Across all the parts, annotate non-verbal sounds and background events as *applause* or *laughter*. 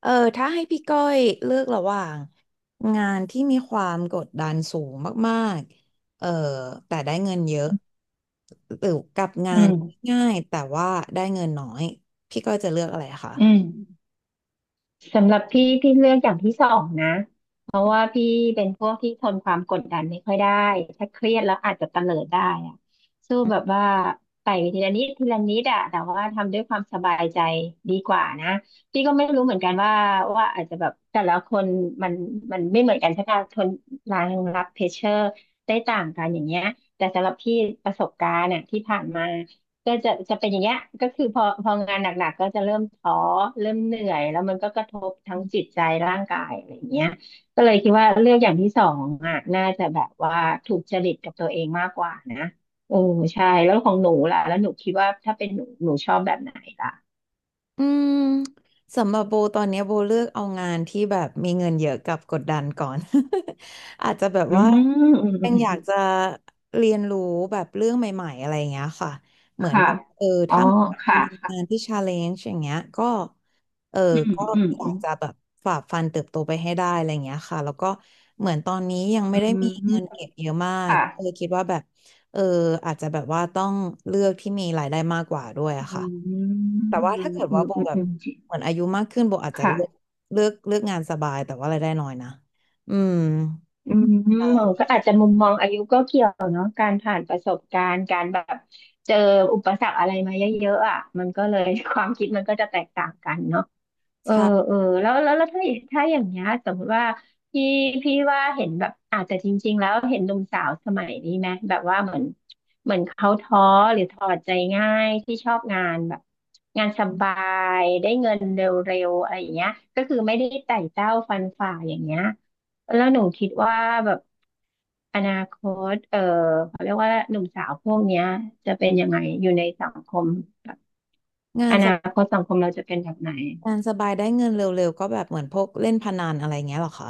เออถ้าให้พี่ก้อยเลือกระหว่างงานที่มีความกดดันสูงมากๆแต่ได้เงินเยอะหรือกับงาอืนมง่ายแต่ว่าได้เงินน้อยพี่ก้อยจะเลือกอะไรคะ อืมสำหรับพี่เลือกอย่างที่สองนะเพราะว่าพี่เป็นพวกที่ทนความกดดันไม่ค่อยได้ถ้าเครียดแล้วอาจจะเตลิดได้อะสู้แบบว่าไต่ไปทีละนิดทีละนิดอะแต่ว่าทำด้วยความสบายใจดีกว่านะพี่ก็ไม่รู้เหมือนกันว่าอาจจะแบบแต่ละคนมันมันไม่เหมือนกันใช่ไหมทนรางรับเพชเชอร์ได้ต่างกันอย่างเงี้ยแต่สำหรับพี่ประสบการณ์อะที่ผ่านมา ก็จะเป็นอย่างเงี้ยก็คือพองานหนักๆก็จะเริ่มท้อเริ่มเหนื่อยแล้วมันก็กระทบทั้งจิตใจร่างกายอะไรอย่างเงี้ยก็เลยคิดว่าเลือกอย่างที่สองอ่ะน่าจะแบบว่าถูกจริตกับตัวเองมากกว่านะโอ้ใช่แล้วของหนูล่ะแล้วหนูคิดว่าถ้าเป็นหนูชอบแบบไหนล่ะอืมสำหรับโบตอนเนี้ยโบเลือกเอางานที่แบบมีเงินเยอะกับกดดันก่อน *laughs* อาจจะแบบอืมว่าอืมอืมอืยังอยากจะมเรียนรู้แบบเรื่องใหม่ๆอะไรอย่างเงี้ยค่ะเหมือนค่ะกับอ๋อถ้ามันค่ะมีงานค่ะที่ชาเลนจ์อย่างเงี้ยก็เอออืมก็อืมออืยากมจะแบบฝ่าฟันเติบโตไปให้ได้อะไรอย่างเงี้ยค่ะแล้วก็เหมือนตอนนี้ยังไม่อืได้มีเงิมนเก็บเยอะมากค่ะคิดว่าแบบเอออาจจะแบบว่าต้องเลือกที่มีรายได้มากกว่าด้วยอะอืค่ะ มอืมแต่ว่าอืถ้ามเกิดอืว่าโบมแบบอืมจริงเหมือนอายุมากขึ้นโบอาจจะค่ะ เลือกงานสบายแต่ว่ารายได้น้อยนะอืมอืมใช่ก็อาจจะมุมมองอายุก็เกี่ยวเนาะการผ่านประสบการณ์การแบบเจออุปสรรคอะไรมาเยอะๆอ่ะมันก็เลย *laughs* ความคิดมันก็จะแตกต่างกันเนาะ เออใช่เออแล้วถ้าอย่างเงี้ยสมมติว่าพี่พี่ว่าเห็นแบบอาจจะแต่จริงๆแล้วเห็นหนุ่มสาวสมัยนี้ไหมแบบว่าเหมือนเขาท้อหรือถอดใจง่ายที่ชอบงานแบบงานสบายได้เงินเร็วๆอะไรอย่างเงี้ยก็คือไม่ได้ไต่เต้าฟันฝ่าอย่างเงี้ยแล้วหนูคิดว่าแบบอนาคตเออเขาเรียกว่าหนุ่มสาวพวกเนี้ยจะเป็นยังไงอยู่ในสังคมแบบงาอนสนาบคตสังคมเราจะเป็นแบบไหน งานสบายได้เงินเร็วๆก็แบบเหมือนพวกเล่นพนันอะไรเงี้ยเหรอคะ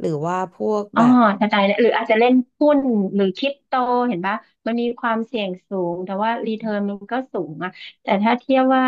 หรือว่าพวกอ๋แบอบกระจายเนี่ยหรืออาจจะเล่นหุ้นหรือคริปโตเห็นปะมันมีความเสี่ยงสูงแต่ว่ารีเทิร์นมันก็สูงอะแต่ถ้าเทียบว่า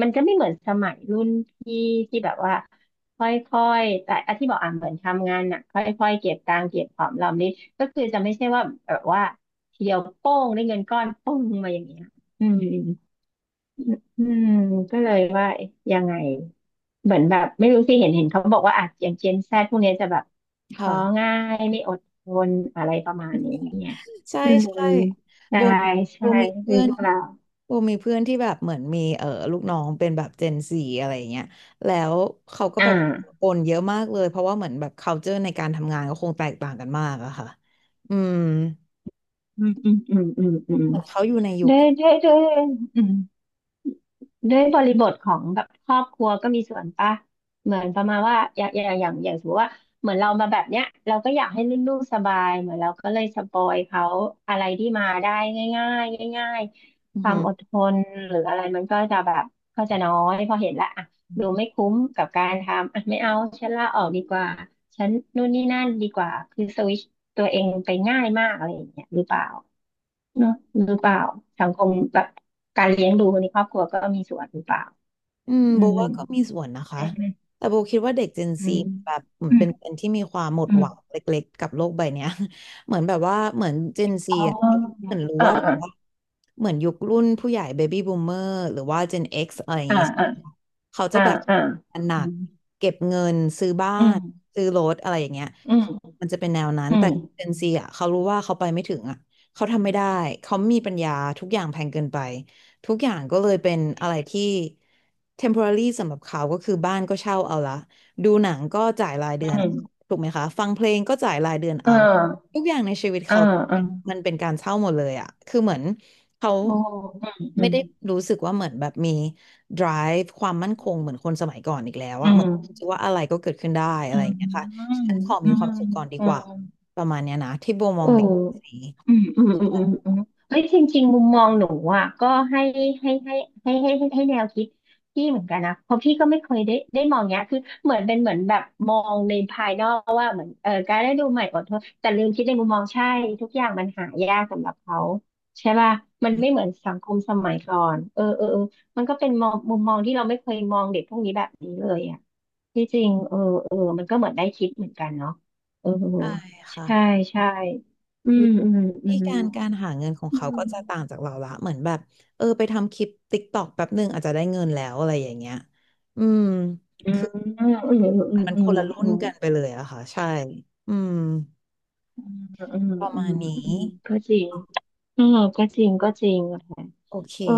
มันจะไม่เหมือนสมัยรุ่นพี่ที่แบบว่าค่อยๆแต่อะที่บอกอ่ะเหมือนทำงานน่ะค่อยๆเก็บตังค์เก็บหอมรอมริบก็คือจะไม่ใช่ว่าแบบว่าทีเดียวโป้งได้เงินก้อนโป้งมาอย่างเงี้ยอืม อืมก็เลยว่ายังไงเหมือนแบบไม่รู้สิเห็นเขาบอกว่าอาจอย่างเจนแซดพวกเนี้ยจะแบบค่ะท้อง่ายไม่อดทนอะไรประมาณอย่างนี้ไงใช่อืมใช่ได้โบโบใช่มีหเพื่รืออนเปล่าโบมีเพื่อนที่แบบเหมือนมีลูกน้องเป็นแบบเจนซีอะไรเงี้ยแล้วเขาก็อ่แบบาโอนเยอะมากเลยเพราะว่าเหมือนแบบ culture ในการทำงานก็คงแตกต่างกันมากอะค่ะอืม อืมอืมอืมอืมอืมเหมือนเขาอยู่ในยุคได้ที่ได้ได้อืม ด้วยบริบทของแบบครอบครัวก็มีส่วนปะเหมือนประมาณว่าอย่างสมมติว่าเหมือนเรามาแบบเนี้ยเราก็อยากให้ลูกๆสบายเหมือนเราก็เลยสปอยเขาอะไรที่มาได้ง่ายๆง่ายอืๆคอวาหืมออดทนหรืออะไรมันก็จะแบบก็จะน้อยพอเห็นละอ่ะดูไม่คุ้มกับการทำอ่ะไม่เอาฉันลาออกดีกว่าฉันนู่นนี่นั่นดีกว่าคือสวิตชตัวเองไปง่ายมากอะไรอย่างเงี้ยหรือเปล่า เนอะหรือเปล่าสังคมแบบการเลี้ยงดูในครอบครัวก็มีส่วนหรือเปล่าอืมอืโบมว่าก็มีส่วนนะคะ ใช่ไหมแต่โบคิดว่าเด็ก Gen อื Z มแบบเหมือนอืเป็มนเป็นที่มีความหมดอืหมวังเล็กๆกับโลกใบเนี้ย *laughs* เหมือนแบบว่าเหมือน Gen Z อ๋อ่ะอเหมือนรู้อ่าว่าแบบอ่าว่าเหมือนยุครุ่นผู้ใหญ่ Baby Boomer หรือว่า Gen X อะไรอย่างอ่าเงี้ยอ่าเขาจะอ่าแบบหนัอืกมเก็บเงินซื้อบ้าอืมนซื้อรถอะไรอย่างเงี้ยอืมมันจะเป็นแนวนั้น อืแต่ ม Gen Z อ่ะเขารู้ว่าเขาไปไม่ถึงอ่ะเขาทำไม่ได้เขามีปัญญาทุกอย่างแพงเกินไป ทุกอย่างก็เลยเป็นอะไรที่ temporary สำหรับเขาก็คือบ้านก็เช่าเอาละดูหนังก็จ่ายรายเดือือนมถูกไหมคะฟังเพลงก็จ่ายรายเดือนเอเอาอทุกอย่างในชีวิตเออเขาเออมันเป็นการเช่าหมดเลยอะคือเหมือนเขาโอ้อืมอืไม่มได้รู้สึกว่าเหมือนแบบมี drive ความมั่นคงเหมือนคนสมัยก่อนอีกแล้วอือะเหมือนมคิดว่าอะไรก็เกิดขึ้นได้อะอืไรอย่างเงี้ยค่ะมอืมฉันขออมีความสุขก่อนดีืกว่าม ประมาณเนี้ยนะที่โบมโอองเด็กคนนี้้อืมอืมอืมอืมอืมเฮ้ยจริงๆ มุมมองหนูอ่ะก็ให้ให้ให้แนวคิดพี่เหมือนกันนะเพราะพี่ก็ไม่เคยได้มองเนี้ยคือเหมือนเป็นเหมือนแบบมองในภายนอกว่าเหมือนเออการได้ดูใหม่อดทนแต่ลืมคิดในมุมมองใช่ทุกอย่างมันหายากสำหรับเขาใช่ป่ะมันไม่เหมือนสังคมสมัยก่อนเออเออเออมันก็เป็นมองมุมมองที่เราไม่เคยมองเด็กพวกนี้แบบนี้เลยอ่ะที่จริงเออเออมันก็เหมือนได้คิดเหมือนกันเนาะเออใช่ค่ะ ใช่ ใช่ อืวิมอืมอืธีมการการหาเงินของอืเขามก็จะต่างจากเราละเหมือนแบบไปทำคลิปติ๊กตอกแป๊บหนึ่งอาจจะได้เงินแล้วอะไรอย่างเงี้ย อืม อืคืมออืมอืมมันอืคมนละรุ่อืนมกันไปเลยอะค่ะใช่ อืมอืมอืมประอืมาณมอืนี้มก็จริงเออก็จริงอะค่ะโอเคเออ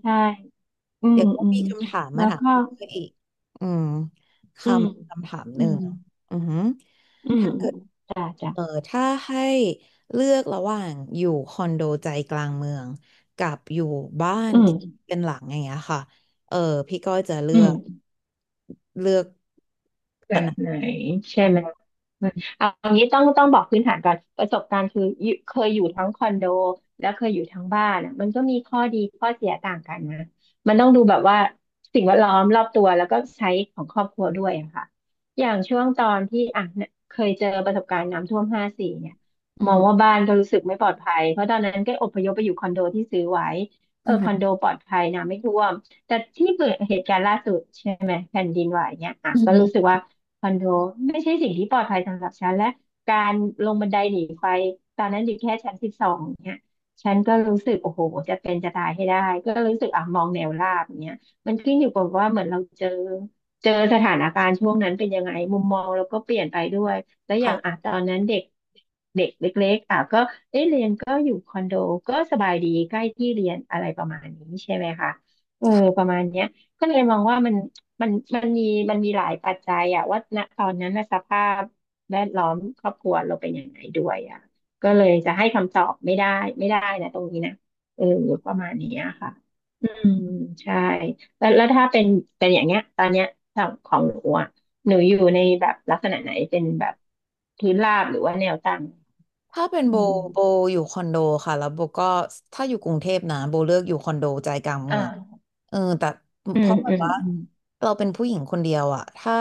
ใช่อืมเดี๋ยวก็อืมีมคำถามแล้มาวถามก็พี่เพื่ออีก อืมคอืมคำถามหอืนึ่มง อือหืออืมถ้าเกิด จ้ะจ้ะเออถ้าให้เลือกระหว่างอยู่คอนโดใจกลางเมืองกับอยู่บ้านอืที่มเป็นหลังอย่างเงี้ยค่ะเออพี่ก้อยจะอืม เลือกแบอันบนั้นไหนใช่อืไหมมอืมเอาเอางี้ต้องบอกพื้นฐานก่อนประสบการณ์คืออยู่เคยอยู่ทั้งคอนโดแล้วเคยอยู่ทั้งบ้านอะมันก็มีข้อดีข้อเสียต่างกันนะมันต้องดูแบบว่าสิ่งแวดล้อมรอบตัวแล้วก็ใช้ของครอบครัวด้วยอะค่ะอย่างช่วงตอนที่อ่ะเนี่ยเคยเจอประสบการณ์น้ำท่วม54เนี่ยอืมองว่ามบ้านก็รู้สึกไม่ปลอดภัยเพราะตอนนั้นก็อพยพไปอยู่คอนโดที่ซื้อไว้ เออือคอนมโดปลอดภัยนะไม่ท่วมแต่ที่เกิดเหตุการณ์ล่าสุดใช่ไหมแผ่นดินไหวเนี่ยอ่ะอืก็มรู้สึกว่าคอนโดไม่ใช่สิ่งที่ปลอดภัยสำหรับฉันและการลงบันไดหนีไฟตอนนั้นอยู่แค่ชั้น12เนี่ยฉันก็รู้สึกโอ้โหจะเป็นจะตายให้ได้ก็รู้สึกอ่ะมองแนวราบเนี่ยมันขึ้นอยู่กับว่าเหมือนเราเจอสถานการณ์ช่วงนั้นเป็นยังไงมุมมองเราก็เปลี่ยนไปด้วย แล้วอย่างอ่ะค่ะ ตอนนั้นเด็กเด็กเล็กๆอ่ะก็เอ๊ะเรียนก็อยู่คอนโดก็สบายดีใกล้ที่เรียนอะไรประมาณนี้ใช่ไหมคะเออประมาณเนี้ยก็เลยมองว่ามันมันมันมีมันมีหลายปัจจัยอ่ะว่าณตอนนั้นนะสภาพแวดล้อมครอบครัวเราเป็นยังไงด้วยอ่ะก็เลยจะให้คำตอบไม่ได้ไม่ได้นะตรงนี้นะเออประมาณเนี้ยค่ะอืมใช่แล้วถ้าเป็นอย่างเงี้ยตอนเนี้ยของหนูอ่ะ หนูอยู่ในแบบลักษณะไหนเป็นแบบพื้นราบหรือว่าแนวตั้งถ้าเป็นโบอืโบมอยู่คอนโดค่ะแล้วโบก็ถ้าอยู่กรุงเทพนะโบเลือกอยู่คอนโดใจกลางเมืองอ่าแต่อืเพมราะแบอืบมว่าอืมเราเป็นผู้หญิงคนเดียวอะถ้า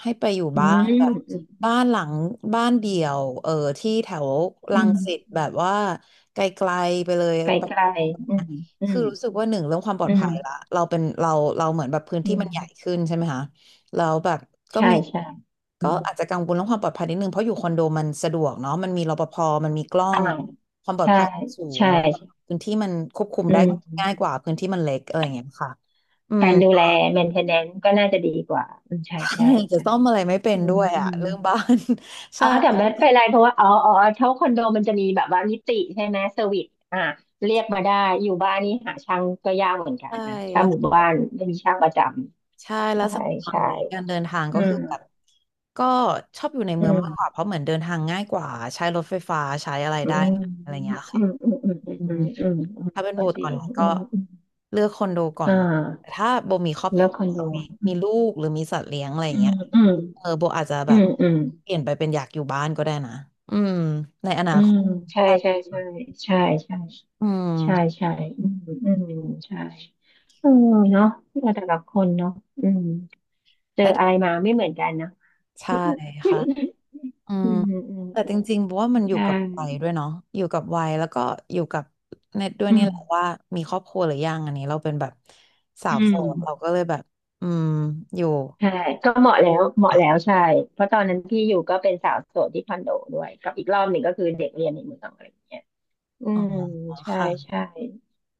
ให้ไปอยู่อืบ้านแบมบอืมบ้านหลังบ้านเดี่ยวที่แถวอืรังสิตแบบมว่าไกลๆไปเลย ไกลไกลอืมอืคือมรู้สึกว่าหนึ่งเรื่องความปลออืดมภัยละเราเหมือนแบบพื้นอืที่มันใหญ่มขึ้นใช่ไหมคะแล้วแบบก็ใช่มีใช่อืก็มอาจจะกังวลเรื่องความปลอดภัยนิดนึงเพราะอยู่คอนโดมันสะดวกเนาะมันมีรปภมันมีกล้ออ่างความปลอดใช่ภัยสูงใช่แล้วก็ใช่พื้นที่มันควบคุมอืได้ง่ายมกว่าพื้นที่มันเล็กอะไรอย่างเงี้ยค่ะอืม การดูแล maintenance ก็น่าจะดีกว่าอืมใช่ใช่ *laughs* จะใช่ซ่อมอะไรไม่เป็อืนด้มวยอือะม เรื่องบ้าน *laughs* อ๋ใช่อแต่ไม่เป็นไรเพราะว่าอ๋ออ๋อเท่าคอนโดมันจะมีแบบว่านิติใช่ไหมเซอร์วิสอ่ะเรียกมาได้อยู่บ้านนี่หาช่างก็ยากเหมือนกันใช่นะถ้าแล้ว หมู่บ้านไม่มีช่างประจใช่ำแล้วใช่สมัยตอนใช่นี้การเดินทางอืก็มคือแบบก็ชอบอยู่ในอืเมืองมากกว่ามเพราะเหมือนเดินทางง่ายกว่าใช้รถไฟฟ้าใช้อะไรอืได้มอะไรเงี้ยอืค่ะมอืมอืมอืมอืมอืมอืมถ้าเป็นโบก็จตริอนงนี้อืก็มอืมเลือกคอนโดก่อนอ่าเนาะแต่ถ้าโบมีครอบคแล้วรัวคอนโดมีมีลูกหรือมีสัตว์เลี้ยงอะไรออืย่างมเงี้ยอืมโบอาจจะแบอืบมอืมเปลี่ยนไปเป็นอยากอยู่บ้านก็ได้นะอืมในอนาอืคมตใช่ใช่ใช่ใช่ใช่อืใช่มใช่อืมอืมใช่เออเนาะแต่ละคนเนาะอืม เจออะไรและมาไม่เหมือนกันเนอะ ใช่ค่ะ *laughs* อืมอืมอืมอืมแต่จริงๆบอกว่ามันอยู่ใช่กับวัยด้วยเนาะอยู่กับวัยแล้วก็อยู่กับเน็ตด้วยอืนี่มแหละว่ามีครอบครัวหรือยังอันนี้เราเป็นแบบสาอืวโสมดเราก็เลยแบบอืมอยู่ใช่ก็เหมาะแล้วเหมาะแล้วอ่ะใช่เพราะตอนนั้นที่อยู่ก็เป็นสาวโสดที่คอนโดด้วยกับอีกรอบหนึ่งก็คือเด็กเรียนในเมืองอะไรอย่างเงี้ยอือ๋อมใช่ค่ะใช่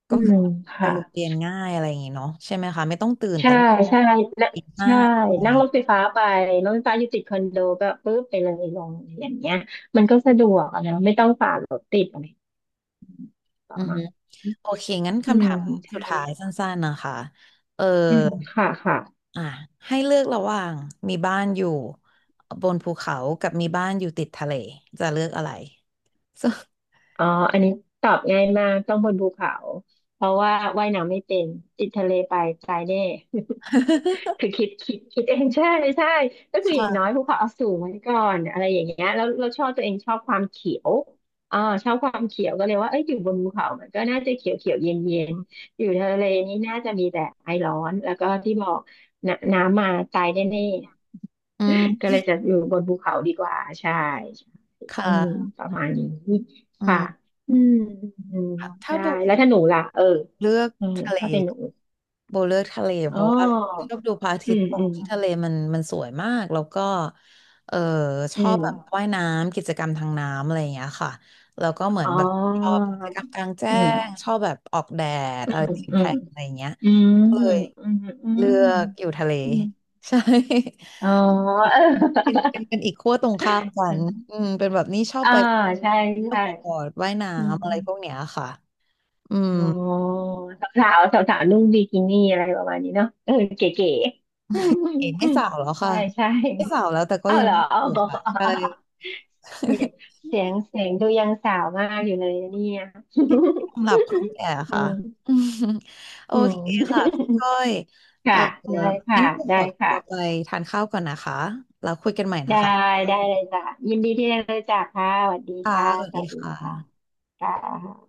อืก็มคือไปค่ะโรงเรียนง่ายอะไรอย่างงี้เนาะใช่ไหมคะไม่ต้องตื่นใช่แต่ใช่และตีห้าใช่อะไรนั่งรถไฟฟ้าไปรถไฟฟ้าอยู่ติดคอนโดก็ปึ๊บไปเลยลงอย่างเงี้ยมันก็สะดวกอะนะไม่ต้องฝ่ารถติดอะไรประอือมาฮึณนี้โอเคงั้นอืคำถามมใชสุดท้ายสั่้นๆนะคะเออ อืมค่ะค่ะ อ่ะให้เลือกระหว่างมีบ้านอยู่บนภูเขากับมีบ้านอยู่ติดทะเลจะเลือกอะไร *laughs* อ๋ออันนี้ตอบง่ายมากต้องบนภูเขาเพราะว่าว่ายน้ำไม่เป็นติดทะเลไปตายแน่ *laughs* คือคิดเองใช่ใช่ก็คืออค่ะ ย่างน้อยภู *laughs* เขาเอาสูงไว้ก่อนอะไรอย่างเงี้ยแล้วเราชอบตัวเองชอบความเขียวอ่าชอบความเขียวก็เลยว่าเอ้ยอยู่บนภูเขามันก็น่าจะเขียวเขียวเย็นเย็นอยู่ทะเลนี่น่าจะมีแต่ไอร้อนแล้วก็ที่บอกนน้ำมาตายแน่ๆ อื *laughs* ก็เลมยจะอยู่บนภูเขาดีกว่าใช่ คอืม่ะประมาณนี้อืค่ะมอืมอืมถ้าได้โบแล้วถ้าหนูล่ะเออเลือกเออทะเล ถ้าเป็นหนู โบเลือกทะเลเพอ๋อราะว่าชอบดูพระอาอืทิตย์มตกอืมที่ทะเลมันมันสวยมากแล้วก็เออชอือบมแบบว่ายน้ำกิจกรรมทางน้ำอะไรอย่างเงี้ยค่ะแล้วก็เหมืออ๋นอแบบชอบกิจกรรมกลางแจ้อืงชมอบแบบออกแดดอือะไรมติดอืแทมนอะไรอย่างเงี้ยอืมก็เลยอืมอืเลืมอกอยู่ทะเล อืม *laughs* ใช่อ๋อ อี *laughs* กเอเป็อนอีกขั้วตรงข้ามกันอืมเป็นแบบนี้ชอบอ่าไปใช่เที่ยวใช่ปอดว่ายอืมน้ำอะไรพวกเนี้ยค่ะอืม อ๋อสาวสาวสาวๆนุ่งบิกินี่อะไรประมาณนี้เนาะเออเก๋ๆอืมอืมเองไม่อืมสาวแล้วใช่ค่ะใช่ไม่สาวแล้วแต่ก็เอายังเหรอยู่อะอ ใช่ เสียงเสียงดูยังสาวมากอยู่เลยนะเนี่ย *laughs* สำหรับความแก่ *laughs* อืค่ะมอืม *laughs* โออืม เคค่ะพี่ก้อย *laughs* เออค่ะ ได้ค่ะ งั้นพี่ขได้อตัวไปค่ะ ทานข้าวก่อนนะคะแล้วคุยกันใหม่นะได้ คะได้เลยจ้ะยินดีที่ได้รู้จักค่ะสวัสดีค่ะค่ะ สวัสสดีวัสดีคค่ะ ่ะค่ะ